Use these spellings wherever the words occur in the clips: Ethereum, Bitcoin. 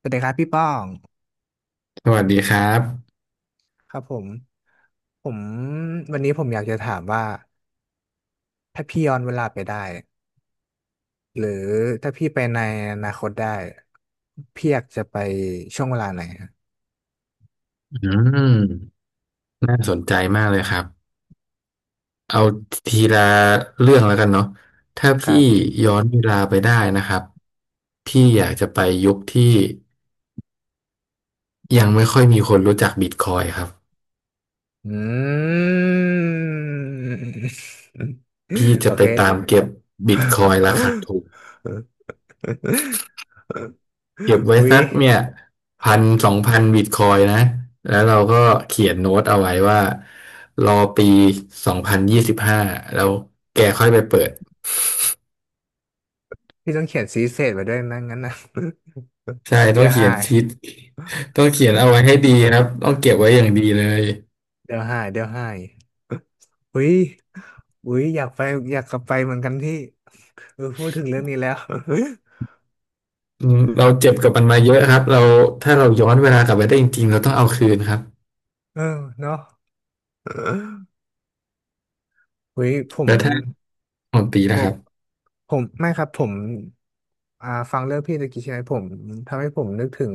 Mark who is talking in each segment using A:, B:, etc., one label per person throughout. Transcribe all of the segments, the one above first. A: สวัสดีครับพี่ป้อง
B: สวัสดีครับ
A: ครับผมผมวันนี้ผมอยากจะถามว่าถ้าพี่ย้อนเวลาไปได้หรือถ้าพี่ไปในอนาคตได้พี่อยากจะไปช่วงเวลาไหนครับ
B: อืมน่าสนใจมากเลยครับเอาทีละเรื่องแล้วกันเนาะถ้า
A: ค
B: พี่
A: รับ
B: ย้อนเวลาไปได้นะครับพี่อยากจะไปยุคที่ยังไม่ค่อยมีคนรู้จักบิตคอยน์ครับ
A: อืม
B: พี่
A: โอ
B: จะไป
A: เค
B: ตามเก็บบิตคอยน์ราคาถูก เก็บไว้
A: อุ๊ย
B: สักเนี่ยพันสองพันบิตคอยนะแล้วเราก็เขียนโน้ตเอาไว้ว่ารอปี2025แล้วแกค่อยไปเปิด
A: พี่ต้องเขียนซีเสร็จไว้ด้วยนะงั้นนะ
B: ใช่ ต้
A: เดี๋
B: อ
A: ย
B: ง
A: ว
B: เขี
A: หา
B: ยน
A: ย
B: ทิศต้องเขียนเอาไว้ให้ดีครับต้องเก็บไว้อย่างดีเลย
A: เดี๋ยวหายอุ้ยอยากไปอยากกลับไปเหมือนกันที่เออพูดถึงเรื่องนี้แล้ว
B: อืมเราเจ็บกับมันมาเยอะครับเราถ้าเราย้อนเวลากลับไปได้จริงๆเราต้องเอาคืนครับ
A: เออเนาะอุ้ยผ
B: แล้
A: ม
B: วถ้าของตี
A: ผ
B: นะค
A: ม
B: รับ
A: ผมไม่ครับผมฟังเรื่องพี่ตะกี้ใช่ไหมผมทำให้ผมนึกถึง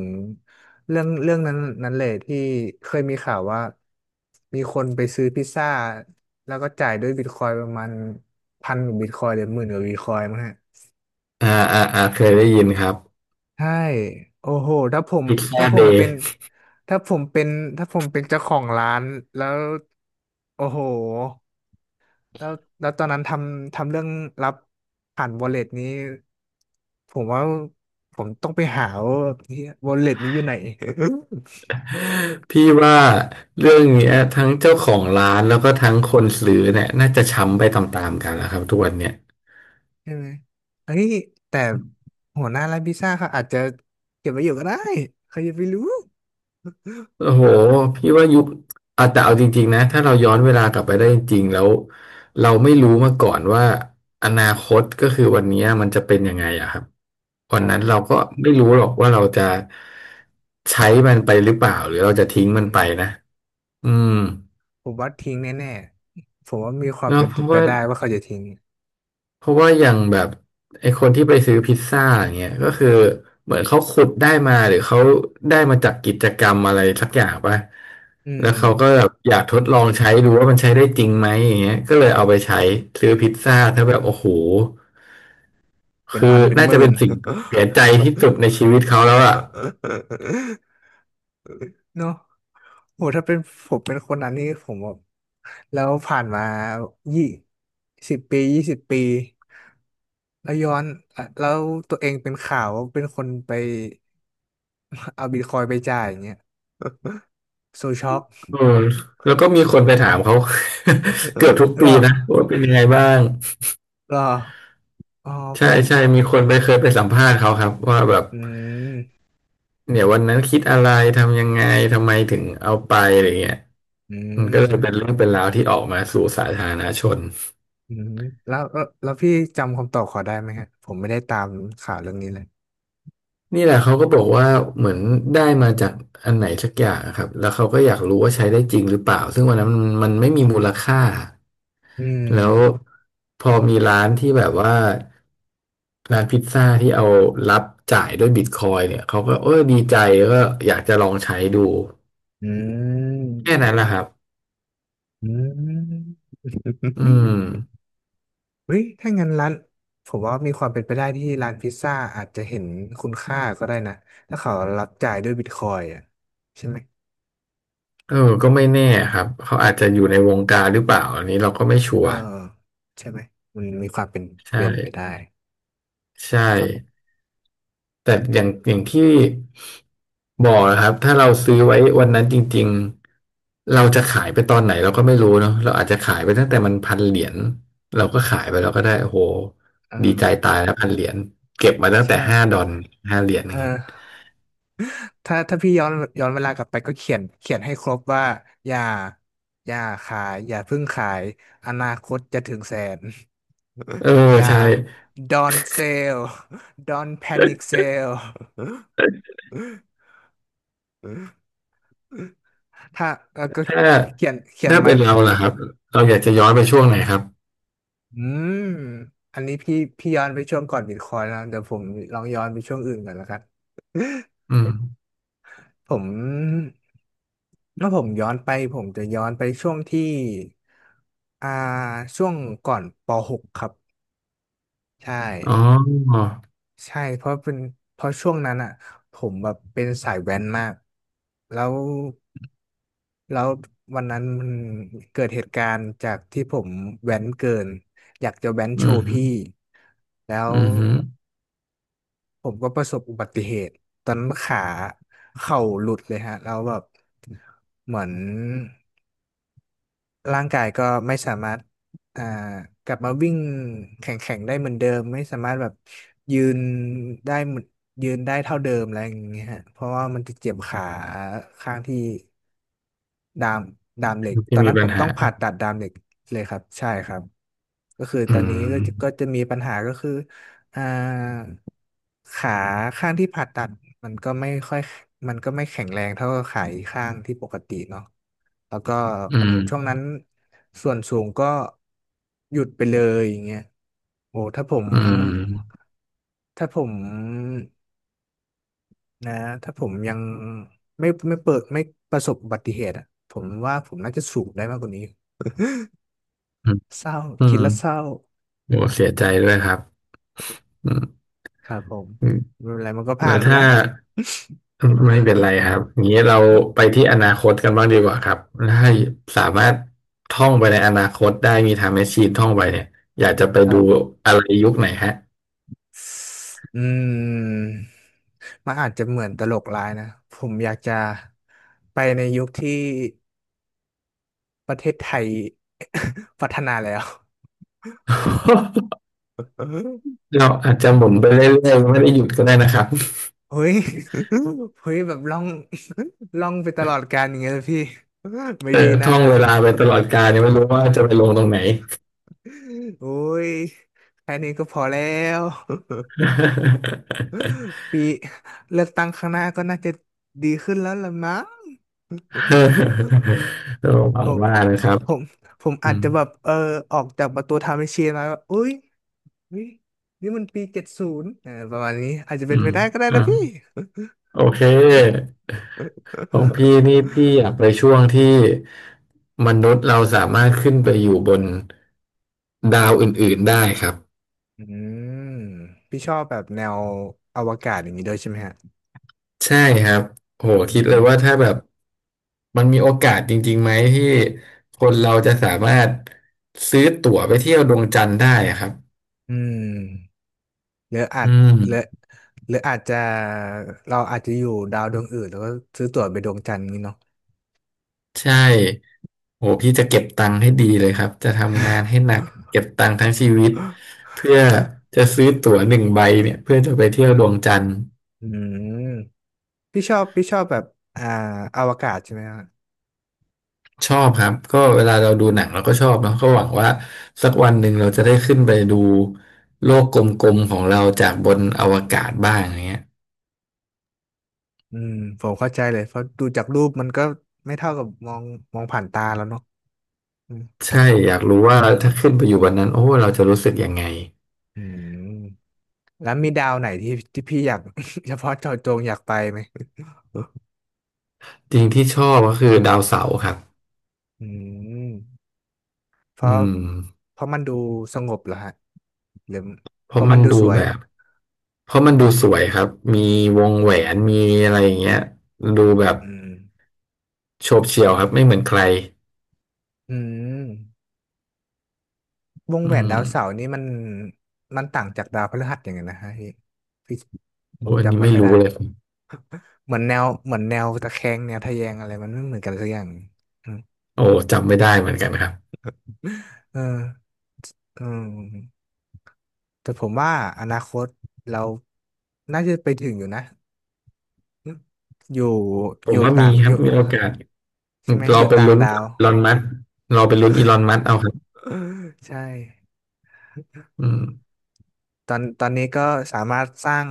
A: เรื่องนั้นเลยที่เคยมีข่าวว่ามีคนไปซื้อพิซซ่าแล้วก็จ่ายด้วยบิตคอยน์ประมาณพันกว่าบิตคอยน์หรือหมื่นกว่าบิตคอยน์มั้งฮะ
B: อ่าอ่าเคยได้ยินครับ
A: ใช่โอ้โหถ้าผม
B: พิซซ่า
A: ถ้าผ
B: เด
A: มเป็
B: ย์
A: นถ้าผมเป็นถ้าผมเป็นเจ้าของร้านแล้วโอ้โหแล้วแล้วตอนนั้นทำเรื่องรับผ่าน wallet นี้ผมว่าผมต้องไปหาว่าที่ wallet นี้อยู่ไหน
B: พี่ว่าเรื่องเนี้ยทั้งเจ้าของร้านแล้วก็ทั้งคนซื้อเนี่ยน่าจะช้ำไปตามๆกันแล้วครับทุกวันเนี่ย
A: ใช่ไหมเฮ้ยแต่หัวหน้าร้านพิซซ่าเขาอาจจะเก็บไว้อยู่ก็ได้ใครจะไปรู้
B: โอ้โหพี่ว่ายุคอ่ะแต่เอาจริงๆนะถ้าเราย้อนเวลากลับไปได้จริงๆแล้วเราไม่รู้มาก่อนว่าอนาคตก็คือวันนี้มันจะเป็นยังไงอะครับวั
A: ค
B: น
A: รั
B: นั้นเรา
A: บ
B: ก็ไม่รู้หรอกว่าเราจะใช้มันไปหรือเปล่าหรือเราจะทิ้งมั
A: อื
B: นไป
A: ม
B: นะอืม
A: ผมว่าทิ้งแน่ๆผมว่ามีความ
B: เนาะ
A: เป็น
B: เพราะ
A: ไป
B: ว่า
A: ได้ว่าเขาจะทิ้ง
B: อย่างแบบไอ้คนที่ไปซื้อพิซซ่าอย่างเงี้ยก็คือเหมือนเขาขุดได้มาหรือเขาได้มาจากกิจกรรมอะไรสักอย่างปะ
A: อื
B: แล้วเขาก็
A: ม
B: แบบอยากทดลองใช้ดูว่ามันใช้ได้จริงไหมอย่างเงี้ยก็เลยเอาไปใช้ซื้อพิซซ่าถ้าแบบโอ้โห
A: เป็น
B: คือ
A: พันเป็น
B: น่า
A: ห
B: จะ
A: มื่
B: เป็
A: น
B: นสิ่งเสียใจที่สุดในชีวิตเขาแล้วอ่ะ
A: เนาะโหถ้าเป็นผมเป็นคนนั้นนี่ผมแบบแล้วผ่านมายี่สิบปีแล้วย้อนอ่ะแล้วตัวเองเป็นข่าวว่าเป็นคนไป เอาบิตคอยน์ไปจ่ายอย่างเงี้ย โซช็อก
B: อืมแล้วก็มีคนไปถามเขา เกือบทุก
A: หร
B: ปี
A: อ
B: นะว่าเป็นยังไงบ้าง
A: หรออ๋อผ
B: ใช่
A: ม
B: ใช่มีคนไปเคยไปสัมภาษณ์เขาครับว่าแบบ
A: อืม
B: เนี่ยวันนั้นคิดอะไรทำยังไงทำไมถึงเอาไปอะไรเงี้ย
A: อื
B: มันก็เลยเป็
A: ม
B: นเรื่องเป็นราวที่ออกมาสู่สาธารณชน
A: อืมแล้วพี่จำคำตอบเขอได้ไหมฮะผมไม่ได้ตามข่าวเรื่องนี้เลย
B: นี่แหละเขาก็บอกว่าเหมือนได้มาจากอันไหนสักอย่างอะครับแล้วเขาก็อยากรู้ว่าใช้ได้จริงหรือเปล่าซึ่งวันนั้นมันไม่มีมูลค่า
A: อืม
B: แล้วพอมีร้านที่แบบว่าร้านพิซซ่าที่เอารับจ่ายด้วยบิตคอยน์เนี่ยเขาก็เออดีใจแล้วก็อยากจะลองใช้ดู
A: อื
B: แค่
A: ม
B: นั้นแหละครับ
A: อืม
B: อืม
A: เฮ้ยถ้างั้นร้านผมว่ามีความเป็นไปได้ที่ร้านพิซซ่าอาจจะเห็นคุณค่าก็ได้นะถ้าเขารับจ่ายด้วยบิตคอยอ่ะใช่ไหม
B: เออก็ไม่แน่ครับ เขาอาจจะอยู่ในวงการหรือเปล่าอันนี้เราก็ไม่ชั
A: เอ
B: ว
A: อ
B: ร์
A: ใช่ไหมมันมีความเป็น
B: ใช่
A: ไปได้
B: ใช่
A: ครับผม
B: แต่อย่างอย่างที่บอกนะครับ ถ้าเราซื้อไว้วันนั้นจริงๆ เราจะขายไปตอนไหนเราก็ไม่รู้เนาะเราอาจจะขายไปตั้งแต่มันพันเหรียญ เราก็ขายไปเราก็ได้โอ้โห
A: เอ
B: ดี
A: อ
B: ใจตายแล้วพันเหรียญเก็บมาตั้งแต่ห้า
A: ใช่
B: ดอน5 เหรียญอ
A: เอ
B: ย่างเงี้ย
A: อถ้าถ้าพี่ย้อนย้อนเวลากลับไปก็เขียนให้ครบว่าอย่าอย่าขายอย่าเพิ่งขายอนาคตจะถึงแสน
B: เออ
A: อย่า
B: ใช่
A: don't sell don't panic sell ถ้าก็
B: ถ้า
A: เขียน
B: ถ้า
A: มั
B: เป็น
A: น
B: เราล่ะครับเราอยากจะย้อนไปช่วงไหนครับ
A: อืมอันนี้พี่ย้อนไปช่วงก่อนบิตคอยน์นะเดี๋ยวผมลองย้อนไปช่วงอื่นก่อนแล้วกัน
B: อืม
A: ผมถ้าผมย้อนไปผมจะย้อนไปช่วงที่อ่าช่วงก่อนปหกครับใช่
B: อ๋อ
A: ใช่เพราะเป็นเพราะช่วงนั้นอ่ะผมแบบเป็นสายแว้นมากแล้ว แล้ววันนั้นมันเกิดเหตุการณ์จากที่ผมแว้นเกินอยากจะแว้น
B: อื
A: โชว์พี่
B: ม
A: แล้ว
B: อือฮึ
A: ผมก็ประสบอุบัติเหตุตอนนั้นขาเข่าหลุดเลยฮะแล้วแบบเหมือน ร่างกายก็ไม่สามารถอ่ากลับมาวิ่งแข่งได้เหมือนเดิมไม่สามารถแบบยืนได้เหมือนยืนได้เท่าเดิมอะไรอย่างเงี้ยฮะเพราะว่ามันจะเจ็บขาข้างที่ดามเหล็กต
B: ที่
A: อน
B: มี
A: นั้น
B: ปั
A: ผ
B: ญ
A: มต้
B: หา
A: องผ่าตัดดามเหล็กเลยครับใช่ครับก็คือ
B: อื
A: ตอนนี้ก็
B: ม
A: จะมีปัญหาก็คืออ่าขาข้างที่ผ่าตัดมันก็ไม่ค่อยมันก็ไม่แข็งแรงเท่ากับขาอีกข้างที่ปกติเนาะ แล้วก็
B: อื
A: เหมือน
B: ม
A: ช่วงนั้นส่วนสูงก็หยุดไปเลยอย่างเงี้ยโอ้ถ้าผม
B: อืม
A: ถ้าผมนะถ้าผมยังไม่ไม่เปิดไม่ประสบอุบัติเหตุอะผมว่าผมน่าจะสูงได้มากกว่านี้
B: อืม
A: เศร้า
B: อื
A: คิ
B: ม
A: ดแล้วเศร้า
B: โหเสียใจด้วยครับอืม
A: ครับผม
B: อืม
A: ไม่เป็นไรมันก็
B: แล้
A: ผ่า
B: ว
A: นไป
B: ถ้า
A: แล้ว
B: ไม่เป็นไรครับอย่างนี้เราไปที่อนาคตกันบ้างดีกว่าครับถ้าสามารถท่องไปในอนาคตได้มีไทม์แมชชีนท่องไปเนี่ยอยากจะไป
A: ครั
B: ดู
A: บ
B: อะไรยุคไหนฮะ
A: อืมมันอาจจะเหมือนตลกร้ายนะผมอยากจะไปในยุคที่ ประเทศไทย พัฒนาแล้ว
B: เราอาจจะหมุนไปเรื่อยๆไม่ได้หยุดก็ได้นะครับ
A: เฮ้ยแบบล่องไปตลอดกาลอย่างเงี้ยเลยพี่ไม่
B: เอ
A: ดี
B: อ
A: นะ
B: ท่องเวลาไปตลอดกาลยังไม่รู้ว่าจะไปลงตรงไหน
A: โอ้ยแค่นี้ก็พอแล้ว ปีเลือกตั้งข้างหน้าก็น่าจะดีขึ้นแล้วล่ะมั้ง
B: ต้องห
A: ผ
B: วัง
A: ม
B: ว่านะครับ
A: ผมผม
B: อื
A: อาจ
B: ม
A: จะแบบเออออกจากประตูทาเมเชียมาว่าอุ้ยอุ๊ยนี่มันปี70ประมาณนี้อาจจะ
B: อื
A: เป็นไป
B: ม
A: ได้ก็ได้
B: อ่ะ
A: นะพี่
B: โอเคของพี่ นี่พี่อยากไปช่วงที่มนุษย์เราสามารถขึ้นไปอยู่บนดาวอื่นๆได้ครับ
A: อืมพี่ชอบแบบแนวอวกาศอย่างนี้ด้วยใช่ไหมฮะ
B: ใช่ครับโห
A: อื
B: คิดเลยว่า
A: ม
B: ถ้าแบบมันมีโอกาสจริงๆไหมที่คนเราจะสามารถซื้อตั๋วไปเที่ยวดวงจันทร์ได้อะครับ
A: อืมหรืออา
B: อื
A: จหรือ
B: ม
A: หรืออาจจะเราอาจจะอยู่ดาวดวงอื่นแล้วก็ซื้อตั๋วไปดวงจันทร์นี้เนาะ
B: ใช่โหพี่จะเก็บตังค์ให้ดีเลยครับ จะทำงานให้หนักเก็บตังค์ทั้งชีวิตเพื่อ จะซื้อตั๋วหนึ่งใบเนี่ยเพื่อจะไปเที่ยวดวงจันทร์
A: อืมพี่ชอบแบบอ่าอวกาศใช่ไหมฮะ
B: ชอบครับก็เวลาเราดูหนังเราก็ชอบเนาะก็หวังว่าสักวันหนึ่งเราจะได้ขึ้นไปดูโลกกลมๆของเราจากบนอวกาศบ้างอย่างเงี้ย
A: อืมผมเข้าใจเลยเพราะดูจากรูปมันก็ไม่เท่ากับมองผ่านตาแล้วเนาะอืม
B: ใช่ อยากรู้ว่าถ้าขึ้นไปอยู่บนนั้นโอ้เราจะรู้สึกยังไง
A: อืมแล้วมีดาวไหนที่พี่อยาก เฉพาะเจาะจงอยากไปไหม
B: จริงที่ชอบก็คือดาวเสาร์ครับ
A: อืมเพ
B: อื
A: ราะ
B: ม
A: มันดูสงบเหรอฮะหรือ
B: เพ
A: เพ
B: ราะ
A: ราะ
B: มั
A: มัน
B: น
A: ดู
B: ดู
A: สวย
B: แบบ เพราะมันดูสวยครับ มีวงแหวนมีอะไรอย่างเงี้ยดูแบบ
A: อืม
B: โฉบเฉี่ยวครับ ไม่เหมือนใคร
A: อืมวง
B: อื
A: แหวนดาวเสา
B: ม
A: ร์นี่มันต่างจากดาวพฤหัสยังไงนะฮะพี่พี่ผ
B: โอ้
A: ม
B: อัน
A: จำ
B: นี้
A: ไม่
B: ไม่
A: ค่อยได้
B: รู้เลย
A: เหมือนแนวตะแคงแนวทะแยงอะไรมันไม่เหมือนกันสักอย่าง อืม
B: โอ้จำไม่ได้เหมือนกันครับ
A: เอออืมแต่ผมว่าอนาคตเราน่าจะไปถึงอยู่นะอยู่
B: ผ
A: อ
B: ม
A: ยู่
B: ว่ามี
A: ต่าง
B: ค
A: อ
B: รับ
A: ยู่
B: มีโอกาส
A: ใช่ไหมอ
B: เรา
A: ยู่
B: ไป
A: ต่าง
B: ลุ้น
A: ดา
B: กั
A: ว
B: บอีลอนมัสก์เราไปลุ้นอีลอนมัสก์เอาครับ
A: ใช่
B: อืม
A: ตอนนี้ก็สามารถสร้าง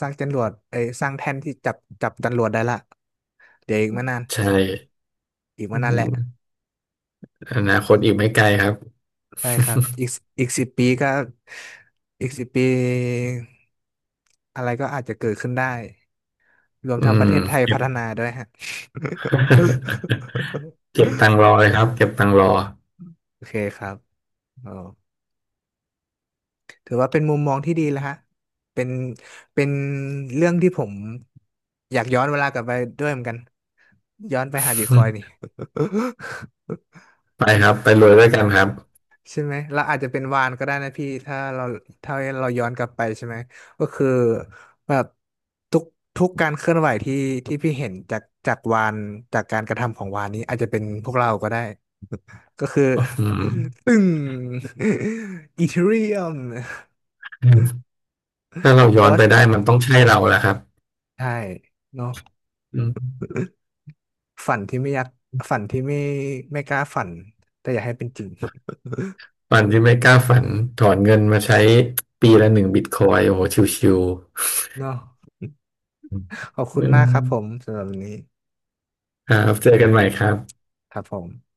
A: สร้างจรวดเอ้ยสร้างแท่นที่จับจรวดได้ละเดี๋ยวอีกไม่นาน
B: ใช่อื
A: แหละ
B: มอนาคตอีกไม่ไกลครับ
A: ใช่ครับอีกสิบปีก็อีกสิบปีอะไรก็อาจจะเกิดขึ้นได้รวม
B: อื
A: ทั้งประ
B: ม
A: เทศไทย
B: เก็
A: พั
B: บ
A: ฒนาด้วยฮะ
B: เก็บตังค์รอ เลยครับเก็บตังค์รอ
A: โอเคครับอ๋อ ถือว่าเป็นมุมมองที่ดีแล้วฮะเป็นเป็นเรื่องที่ผมอยากย้อนเวลากลับไปด้วยเหมือนกัน ย้อนไปหาบิตคอยน์นี่
B: ไปครับไปรวยด้วยกันครับ
A: ใช่ไหมเราอาจจะเป็นวานก็ได้นะพี่ถ้าเราถ้าย้อนกลับไปใช่ไหม ก็คือแบบทุกการเคลื่อนไหวที่พี่เห็นจากวานจากการกระทำของวานนี้อาจจะเป็นพวกเราก็ได้ ก็คือ
B: อืม
A: ตึ้ง อีเทเรียม
B: ถ้าเราย้
A: ด
B: อนไปได้
A: อ
B: มันต้องใช่เราแหละครับ
A: ใช่เนาะ
B: อืม
A: ฝันที่ไม่อยากฝันที่ไม่ไม่กล้าฝันแต่อยากให้เป็นจริง
B: ฝันที่ไม่กล้าฝันถอนเงินมาใช้ปีละ1 บิตคอยน์โอ้โหชิว
A: เนาะขอบ
B: ๆ
A: คุณมากครับผมสำหรับวันนี้
B: ครับเจอกันใหม่ครับ
A: ครับผม